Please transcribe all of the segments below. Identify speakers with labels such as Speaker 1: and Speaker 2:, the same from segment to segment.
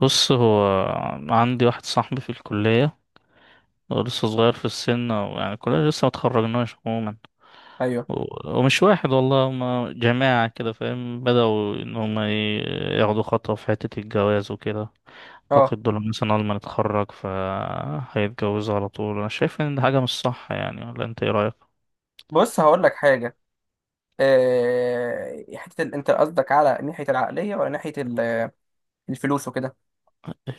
Speaker 1: بص، هو عندي واحد صاحبي في الكلية. هو لسه صغير في السن، أو يعني الكلية لسه متخرجناش عموما.
Speaker 2: ايوه
Speaker 1: و- ومش واحد والله، هما جماعة كده، فاهم؟ بدأوا إن هما ياخدوا خطوة في حتة الجواز وكده.
Speaker 2: اه
Speaker 1: أعتقد دول مثلا أول ما نتخرج فهيتجوزوا على طول. أنا شايف إن دي حاجة مش صح يعني، ولا أنت إيه رأيك؟
Speaker 2: بص هقول لك حاجه. حته انت قصدك على ناحيه العقليه ولا ناحيه الفلوس وكده.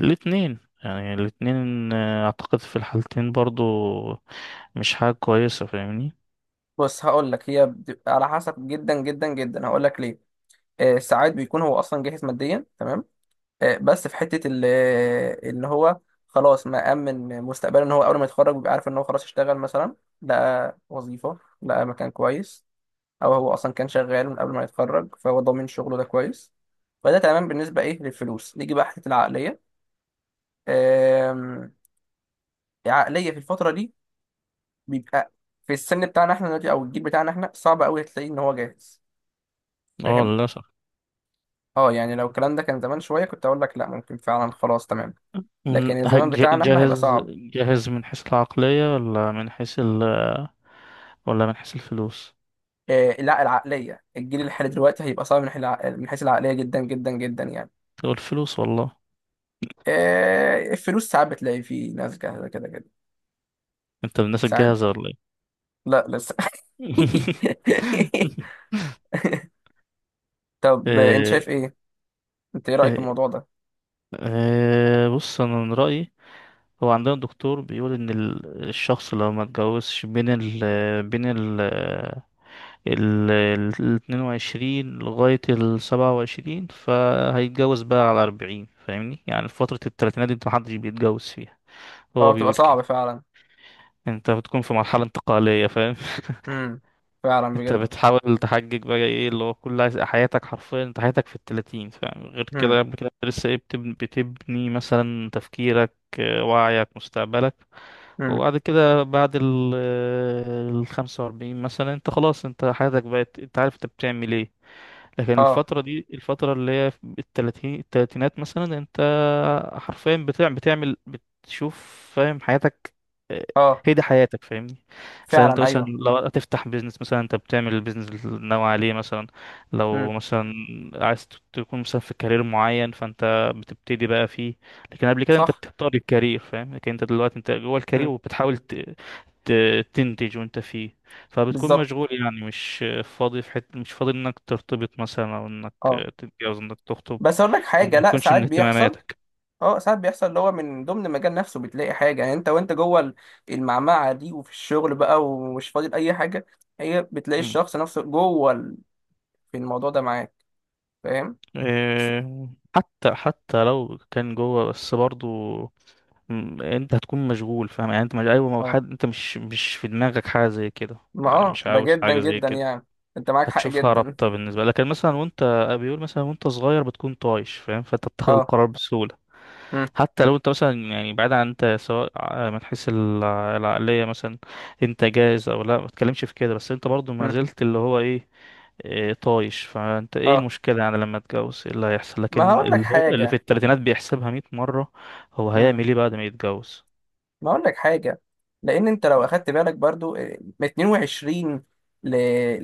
Speaker 1: الاتنين. يعني الاتنين، أعتقد في الحالتين برضو مش حاجة كويسة، فاهمني؟
Speaker 2: بص هقول لك، هي بتبقى على حسب، جدا جدا جدا. هقول لك ليه. ساعات بيكون هو اصلا جاهز ماديا، تمام. بس في حته ال... آه، ان هو خلاص مأمن مستقبله، ان هو اول ما يتخرج بيبقى عارف ان هو خلاص اشتغل مثلا، لقى وظيفه، لقى مكان كويس. او هو اصلا كان شغال من قبل ما يتخرج فهو ضامن شغله ده كويس. فده تمام بالنسبه ايه للفلوس. نيجي بقى حته العقليه. آم، عقلية في الفترة دي بيبقى في السن بتاعنا احنا دلوقتي او الجيل بتاعنا احنا، صعب قوي تلاقيه ان هو جاهز.
Speaker 1: اه،
Speaker 2: فاهم؟
Speaker 1: للأسف.
Speaker 2: اه، يعني لو الكلام ده كان زمان شوية كنت اقول لك لا، ممكن فعلا خلاص تمام.
Speaker 1: من
Speaker 2: لكن الزمان بتاعنا احنا هيبقى
Speaker 1: جاهز
Speaker 2: صعب.
Speaker 1: جاهز، من حيث العقلية ولا من حيث ولا من حيث الفلوس؟
Speaker 2: آه لا، العقلية الجيل اللي حالي دلوقتي هيبقى صعب من حيث من حيث العقلية، جدا جدا جدا يعني.
Speaker 1: تقول الفلوس والله.
Speaker 2: آه، الفلوس ساعات بتلاقي فيه ناس جاهزة كده كده.
Speaker 1: انت من الناس
Speaker 2: ساعات.
Speaker 1: الجاهزة ولا ايه؟
Speaker 2: لا لسه. طب، انت
Speaker 1: إيه-
Speaker 2: شايف ايه؟ انت ايه رأيك في
Speaker 1: إيه-
Speaker 2: الموضوع ده؟
Speaker 1: إيه، بص انا من رأيي. هو عندنا دكتور بيقول ان الشخص لو ما اتجوزش بين بين ال ال 22 لغاية ال 27، فهيتجوز بقى على 40. فاهمني؟ يعني في فترة التلاتينات دي انت محدش بيتجوز فيها.
Speaker 2: اه
Speaker 1: هو
Speaker 2: بتبقى
Speaker 1: بيقول كده.
Speaker 2: صعب فعلا.
Speaker 1: انت بتكون في مرحلة انتقالية، فاهم؟
Speaker 2: امم. فعلا
Speaker 1: انت
Speaker 2: بجد.
Speaker 1: بتحاول تحجج بقى، ايه اللي هو حياتك حرفيا. انت حياتك في التلاتين، فاهم؟ غير
Speaker 2: امم.
Speaker 1: كده، قبل كده انت لسه ايه، بتبني, بتبني مثلا تفكيرك، وعيك، مستقبلك.
Speaker 2: امم.
Speaker 1: وبعد كده، بعد ال الخمسة وأربعين مثلا، انت خلاص، انت حياتك بقت، انت عارف انت بتعمل ايه. لكن
Speaker 2: اه.
Speaker 1: الفترة دي، الفترة اللي هي في التلاتينات مثلا، انت حرفيا بتعمل، بتشوف، فاهم، حياتك.
Speaker 2: اه.
Speaker 1: هي دي حياتك، فاهمني؟ مثلا انت
Speaker 2: فعلا
Speaker 1: مثلا
Speaker 2: ايوه.
Speaker 1: لو هتفتح بيزنس مثلا، انت بتعمل البيزنس اللي ناوي عليه مثلا.
Speaker 2: امم.
Speaker 1: لو مثلا عايز تكون مثلا في كارير معين، فانت بتبتدي بقى فيه. لكن قبل كده انت
Speaker 2: صح.
Speaker 1: بتختار الكارير، فاهم؟ لكن انت دلوقتي انت جوه الكارير
Speaker 2: امم.
Speaker 1: وبتحاول ت... تنتج وانت فيه. فبتكون
Speaker 2: بالظبط.
Speaker 1: مشغول، يعني مش فاضي في حته، مش فاضي انك ترتبط مثلا، او انك
Speaker 2: اه.
Speaker 1: تتجوز، انك تخطب.
Speaker 2: بس اقول لك حاجه.
Speaker 1: وما
Speaker 2: لا
Speaker 1: بتكونش
Speaker 2: ساعات
Speaker 1: من
Speaker 2: بيحصل.
Speaker 1: اهتماماتك.
Speaker 2: اه ساعات بيحصل، اللي هو من ضمن المجال نفسه بتلاقي حاجه. يعني انت وانت جوه المعمعه دي، وفي الشغل بقى، ومش فاضل اي حاجه، هي بتلاقي الشخص نفسه جوه في الموضوع ده معاك. فاهم؟ بس-
Speaker 1: إيه، حتى لو كان جوه بس برضو، انت هتكون مشغول، فاهم؟ يعني انت مش، ايوه، ما هو
Speaker 2: اه.
Speaker 1: حد. انت مش في دماغك حاجه زي كده.
Speaker 2: ما
Speaker 1: يعني مش
Speaker 2: ده
Speaker 1: عاوز
Speaker 2: جدا
Speaker 1: حاجه زي
Speaker 2: جدا
Speaker 1: كده.
Speaker 2: يعني. انت معاك حق
Speaker 1: هتشوفها
Speaker 2: جدا.
Speaker 1: رابطه بالنسبه لك، لكن مثلا وانت، بيقول مثلا وانت صغير بتكون طايش، فاهم؟ فانت بتاخد
Speaker 2: اه.
Speaker 1: القرار بسهوله.
Speaker 2: امم.
Speaker 1: حتى لو انت مثلا يعني بعيد عن انت، سواء من حيث العقليه مثلا، انت جاهز او لا، ما تتكلمش في كده. بس انت برضو ما
Speaker 2: امم.
Speaker 1: زلت اللي هو ايه، طايش. فانت ايه
Speaker 2: اه.
Speaker 1: المشكلة يعني لما اتجوز، ايه اللي هيحصل؟
Speaker 2: ما
Speaker 1: لكن
Speaker 2: هقول لك
Speaker 1: اللي هو اللي في
Speaker 2: حاجه.
Speaker 1: التلاتينات بيحسبها مية مرة. هو هيعمل ايه بعد ما يتجوز؟
Speaker 2: ما اقول لك حاجه. لان انت لو اخدت بالك برضو، من 22 ل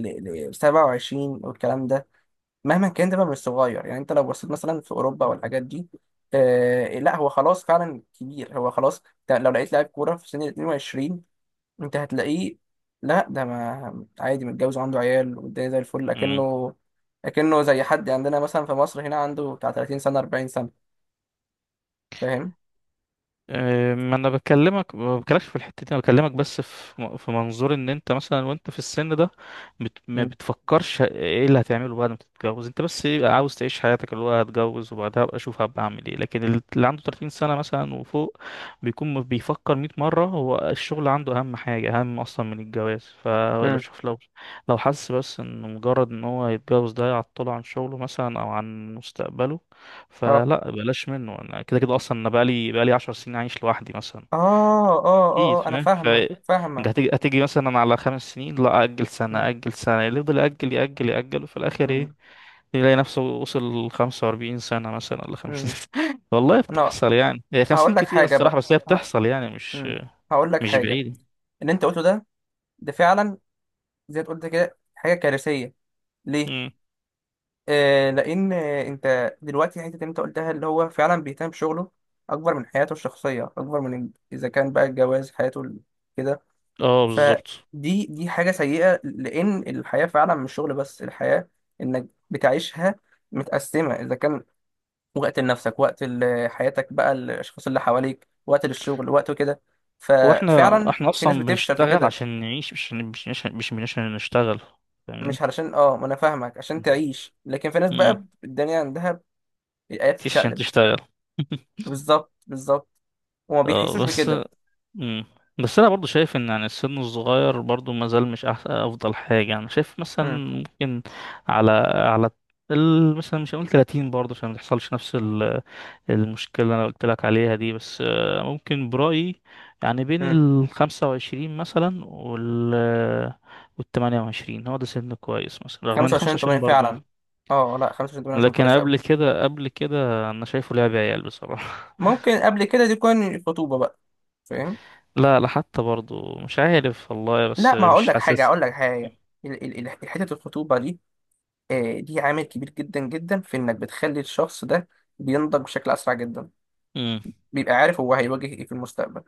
Speaker 2: ل 27 والكلام ده. مهما كان، ده بقى مش صغير يعني. انت لو بصيت مثلا في اوروبا والحاجات دي، آه لا، هو خلاص فعلا كبير. هو خلاص. ده لو لقيت لاعب كوره في سن ال 22 انت هتلاقيه. لا ده، ما عادي متجوز وعنده عيال والدنيا زي الفل. لكنه زي حد عندنا مثلا في مصر هنا عنده بتاع 30 سنه 40 سنه. فاهم؟
Speaker 1: ما انا بكلمك ما بكلمكش في الحتة دي، انا بكلمك بس في في منظور ان انت مثلا وانت في السن ده، بت، ما
Speaker 2: مم.
Speaker 1: بتفكرش ايه اللي هتعمله بعد ما تتجوز. انت بس إيه، عاوز تعيش حياتك، اللي هو هتجوز وبعدها ابقى اشوف هبقى اعمل ايه. لكن اللي عنده 30 سنة مثلا وفوق، بيكون بيفكر 100 مرة. هو الشغل عنده اهم حاجة، اهم اصلا من الجواز. فلو
Speaker 2: امم.
Speaker 1: شوف، لو لو حس بس ان مجرد ان هو يتجوز ده يعطله عن شغله مثلا او عن مستقبله، فلا بلاش منه. انا كده كده اصلا، انا بقالي بقالي 10 سنين عايش لوحدي مثلا،
Speaker 2: اه. اه.
Speaker 1: اكيد
Speaker 2: اه. آه، انا
Speaker 1: فاهم. ف
Speaker 2: فاهمه
Speaker 1: انت
Speaker 2: فاهمه.
Speaker 1: هتيجي هتيجي مثلا على خمس سنين، لا اجل
Speaker 2: مم،
Speaker 1: سنه، اجل سنه، اللي يفضل ياجل ياجل ياجل. وفي الاخر ايه؟
Speaker 2: مم،
Speaker 1: يلاقي نفسه وصل 45 سنه مثلا ولا 50
Speaker 2: مم.
Speaker 1: سنه. والله
Speaker 2: انا
Speaker 1: بتحصل، يعني هي 50
Speaker 2: هقول لك
Speaker 1: كتير
Speaker 2: حاجه
Speaker 1: الصراحه،
Speaker 2: بقى.
Speaker 1: بس هي
Speaker 2: ه-
Speaker 1: بتحصل يعني
Speaker 2: مم. هقول لك
Speaker 1: مش
Speaker 2: حاجه.
Speaker 1: بعيده.
Speaker 2: اللي انت قلته ده، ده فعلا زي ما قلت كده، حاجه كارثيه. ليه؟
Speaker 1: امم.
Speaker 2: آه، لان انت دلوقتي الحته اللي انت قلتها اللي هو فعلا بيهتم بشغله اكبر من حياته الشخصيه، اكبر من اذا كان بقى الجواز حياته كده.
Speaker 1: اه، بالظبط.
Speaker 2: فدي دي حاجه سيئه. لان الحياه فعلا مش شغل بس. الحياه انك بتعيشها متقسمه، اذا كان وقت لنفسك، وقت حياتك بقى الاشخاص اللي حواليك، وقت للشغل، وقت كده.
Speaker 1: واحنا
Speaker 2: ففعلا
Speaker 1: احنا
Speaker 2: في ناس
Speaker 1: اصلا
Speaker 2: بتفشل في
Speaker 1: بنشتغل
Speaker 2: كده.
Speaker 1: عشان نعيش، مش عشان نشتغل، فاهمني؟
Speaker 2: مش علشان اه، ما انا فاهمك عشان تعيش. لكن في ناس
Speaker 1: امم.
Speaker 2: بقى الدنيا عندها الايات
Speaker 1: مش عشان
Speaker 2: بتتشقلب.
Speaker 1: تشتغل.
Speaker 2: بالظبط بالظبط. وما
Speaker 1: اه،
Speaker 2: بيحسوش
Speaker 1: بس.
Speaker 2: بكده.
Speaker 1: مم. بس انا برضو شايف ان يعني السن الصغير برضو ما زال مش أحسن، افضل حاجه انا شايف مثلا
Speaker 2: امم.
Speaker 1: ممكن على مثلا مش هقول 30 برضه عشان ما تحصلش نفس المشكله اللي انا قلت لك عليها دي. بس ممكن برايي يعني بين
Speaker 2: امم.
Speaker 1: ال 25 مثلا وال 28، هو ده سن كويس مثلا، رغم ان
Speaker 2: 25 8
Speaker 1: 25 برضه.
Speaker 2: فعلا. اه لا 25 8 عشان
Speaker 1: لكن
Speaker 2: كويس قوي.
Speaker 1: قبل كده قبل كده انا شايفه لعب عيال بصراحه.
Speaker 2: ممكن قبل كده دي تكون الخطوبه بقى. فاهم؟
Speaker 1: لا لا، حتى برضو مش عارف والله، بس
Speaker 2: لا، ما هقول
Speaker 1: مش
Speaker 2: لك حاجه،
Speaker 1: حاسس.
Speaker 2: هقول لك حاجه. حته الخطوبه دي، آه، دي عامل كبير جدا جدا في انك بتخلي الشخص ده بينضج بشكل اسرع جدا.
Speaker 1: امم.
Speaker 2: بيبقى عارف هو هيواجه ايه في المستقبل.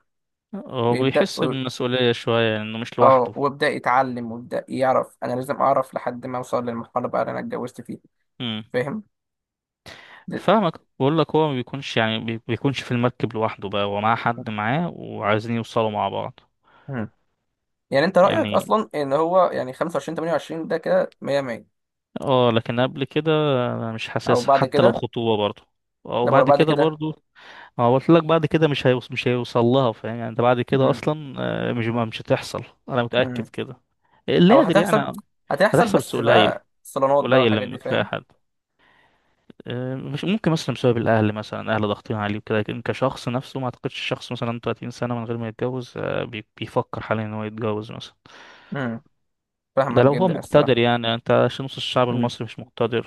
Speaker 1: هو
Speaker 2: ويبدا
Speaker 1: بيحس
Speaker 2: و-
Speaker 1: بالمسؤولية شوية انه مش
Speaker 2: اه
Speaker 1: لوحده.
Speaker 2: ويبدا يتعلم ويبدا يعرف انا لازم اعرف لحد ما اوصل للمرحله بقى اللي انا اتجوزت فيها.
Speaker 1: امم.
Speaker 2: فاهم؟ د-
Speaker 1: فاهمك، بقول لك هو ما بيكونش يعني بيكونش في المركب لوحده بقى، هو معاه حد، معاه وعايزين يوصلوا مع بعض.
Speaker 2: مم. يعني انت رايك
Speaker 1: يعني
Speaker 2: اصلا ان هو يعني 25 28 ده كده 100 100.
Speaker 1: اه، لكن قبل كده انا مش
Speaker 2: او
Speaker 1: حاسسها
Speaker 2: بعد
Speaker 1: حتى لو
Speaker 2: كده؟
Speaker 1: خطوبة برضو.
Speaker 2: ده ولا
Speaker 1: وبعد
Speaker 2: بعد
Speaker 1: كده
Speaker 2: كده؟
Speaker 1: برضو، ما هو قلت لك بعد كده مش هيوص مش هيوصل لها، فاهم؟ يعني انت بعد كده
Speaker 2: مم.
Speaker 1: اصلا مش هتحصل، انا متأكد
Speaker 2: مم.
Speaker 1: كده. اللي
Speaker 2: او
Speaker 1: قادر يعني،
Speaker 2: هتحصل. هتحصل
Speaker 1: هتحصل بس
Speaker 2: بس
Speaker 1: قليل،
Speaker 2: بقى صالونات بقى
Speaker 1: قليل
Speaker 2: والحاجات دي،
Speaker 1: لما تلاقي
Speaker 2: فاهم.
Speaker 1: حد مش ممكن مثلا بسبب الاهل، مثلا اهل ضاغطين عليه وكده. لكن كشخص نفسه، ما اعتقدش الشخص مثلا 30 سنه من غير ما يتجوز بيفكر حاليا ان هو يتجوز مثلا.
Speaker 2: مم.
Speaker 1: ده
Speaker 2: فاهمك
Speaker 1: لو هو
Speaker 2: جدا
Speaker 1: مقتدر،
Speaker 2: الصراحه.
Speaker 1: يعني انت عشان نص الشعب
Speaker 2: مم.
Speaker 1: المصري مش مقتدر،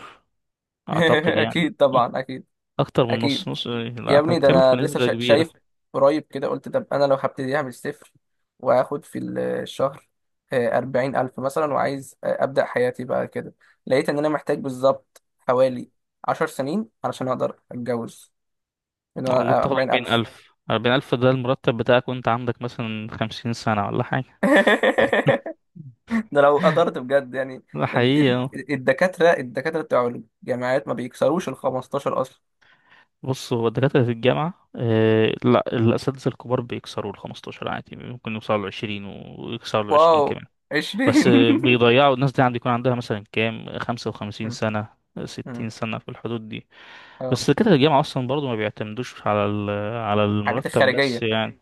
Speaker 1: اعتقد يعني.
Speaker 2: اكيد طبعا اكيد.
Speaker 1: اكتر من
Speaker 2: اكيد.
Speaker 1: نص، نص لا،
Speaker 2: يا
Speaker 1: احنا
Speaker 2: ابني، ده
Speaker 1: بنتكلم في
Speaker 2: انا لسه
Speaker 1: نسبه كبيره.
Speaker 2: شايف قريب كده، قلت طب انا لو هبتديها من الصفر وهاخد في الشهر 40 ألف مثلا، وعايز أبدأ حياتي بقى كده، لقيت إن أنا محتاج بالظبط حوالي 10 سنين علشان أقدر أتجوز. إن أنا
Speaker 1: ممكن تاخد
Speaker 2: 40 ألف.
Speaker 1: 40,000 ده المرتب بتاعك وانت عندك مثلا 50 سنه ولا حاجه.
Speaker 2: ده لو قدرت بجد يعني.
Speaker 1: ده حقيقي. آه.
Speaker 2: الدكاترة بتوع الجامعات ما بيكسروش ال 15 أصلا.
Speaker 1: بص، هو الدكاترة في الجامعة، آه لا، الأساتذة الكبار بيكسروا ال 15 عادي، ممكن يوصلوا ل 20، ويكسروا ال 20
Speaker 2: واو.
Speaker 1: كمان. بس
Speaker 2: 20؟
Speaker 1: آه بيضيعوا، الناس دي عندي يكون عندها مثلا كام، 55
Speaker 2: م-
Speaker 1: سنة،
Speaker 2: م-
Speaker 1: 60 سنة في الحدود دي.
Speaker 2: اه.
Speaker 1: بس دكاترة الجامعة أصلا برضو ما بيعتمدوش على على
Speaker 2: الحاجات
Speaker 1: المرتب بس،
Speaker 2: الخارجية.
Speaker 1: يعني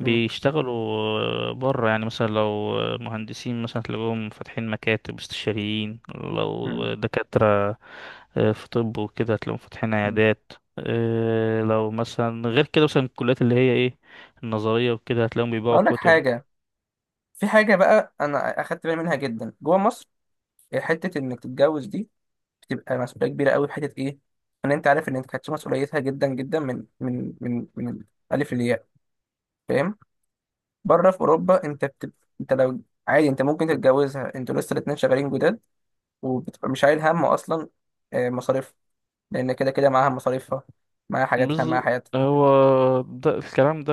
Speaker 2: م-
Speaker 1: بيشتغلوا بره. يعني مثلا لو مهندسين مثلا تلاقوهم فاتحين مكاتب استشاريين،
Speaker 2: م-
Speaker 1: لو دكاترة في طب وكده تلاقوهم فاتحين
Speaker 2: م.
Speaker 1: عيادات، لو مثلا غير كده مثلا الكليات اللي هي ايه، النظرية وكده، هتلاقيهم بيبيعوا
Speaker 2: اقول لك
Speaker 1: كتب.
Speaker 2: حاجه. في حاجه بقى انا اخدت بالي منها جدا جوه مصر. حته انك تتجوز دي بتبقى مسؤوليه كبيره قوي، في حته ايه؟ ان انت عارف ان انت هتشيل مسؤوليتها جدا جدا، من الالف للياء. فاهم؟ بره في اوروبا انت بتبقى، انت لو عادي انت ممكن تتجوزها، انتوا لسه الاتنين شغالين جداد، وبتبقى مش شايل هم اصلا. مصاريف. لان كده كده معاها مصاريفها، معاها حاجاتها، معاها
Speaker 1: بز...
Speaker 2: حياتها.
Speaker 1: هو ده الكلام ده،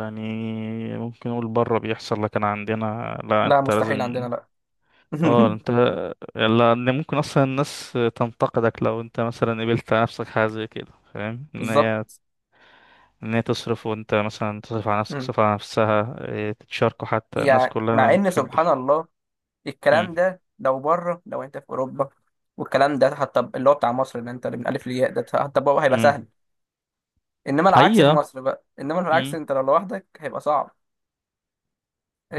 Speaker 1: يعني ممكن نقول بره بيحصل، لكن عندنا لا،
Speaker 2: لا
Speaker 1: انت لازم.
Speaker 2: مستحيل عندنا، لا.
Speaker 1: اه انت، لان ممكن اصلا الناس تنتقدك لو انت مثلا قبلت على نفسك حاجه زي كده، فاهم؟ ان هي،
Speaker 2: بالظبط.
Speaker 1: تصرف وانت مثلا تصرف على نفسك،
Speaker 2: مم.
Speaker 1: تصرف على نفسها، تتشاركوا، حتى الناس
Speaker 2: يعني
Speaker 1: كلها
Speaker 2: مع
Speaker 1: ما
Speaker 2: ان سبحان
Speaker 1: بتحبش.
Speaker 2: الله
Speaker 1: امم.
Speaker 2: الكلام ده لو بره، لو انت في اوروبا، والكلام ده حتى اللي هو بتاع مصر اللي انت اللي من الف للياء ده، حتى هو هيبقى
Speaker 1: امم.
Speaker 2: سهل. انما العكس في
Speaker 1: حقيقه.
Speaker 2: مصر بقى، انما العكس،
Speaker 1: امم.
Speaker 2: انت لو لوحدك هيبقى صعب.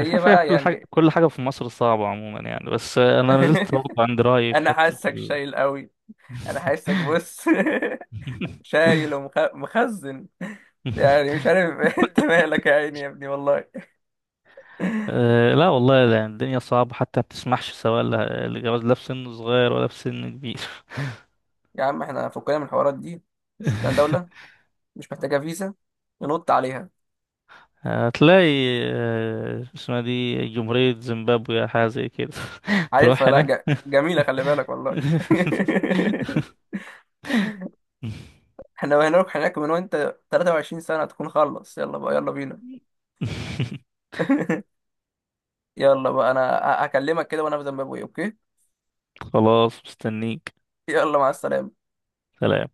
Speaker 1: مش عارف، هي
Speaker 2: بقى
Speaker 1: كل حاجه،
Speaker 2: يعني.
Speaker 1: كل حاجه في مصر صعبه عموما يعني، بس انا ما زلت برضه عند رايي في
Speaker 2: انا
Speaker 1: حته
Speaker 2: حاسك شايل قوي. انا حاسك بص شايل ومخزن. يعني مش عارف. انت مالك يا عيني يا ابني والله.
Speaker 1: لا والله، لا الدنيا صعبة، حتى ما بتسمحش، سواء لجواز، لا في سن صغير ولا في سن كبير.
Speaker 2: يا عم احنا فكنا من الحوارات دي، نشوف لنا دولة مش محتاجة فيزا ننط عليها.
Speaker 1: هتلاقي اسمها دي جمهورية زيمبابوي أو حاجة زي كده. تروح
Speaker 2: عارفها. لا،
Speaker 1: هناك.
Speaker 2: جميلة. خلي بالك والله. احنا هنروح هناك، من وانت 23 سنة تكون خلص، يلا بقى، يلا بينا. يلا بقى، انا هكلمك كده وانا في زيمبابوي، اوكي؟
Speaker 1: خلاص مستنيك.
Speaker 2: يلا مع السلامة.
Speaker 1: سلام.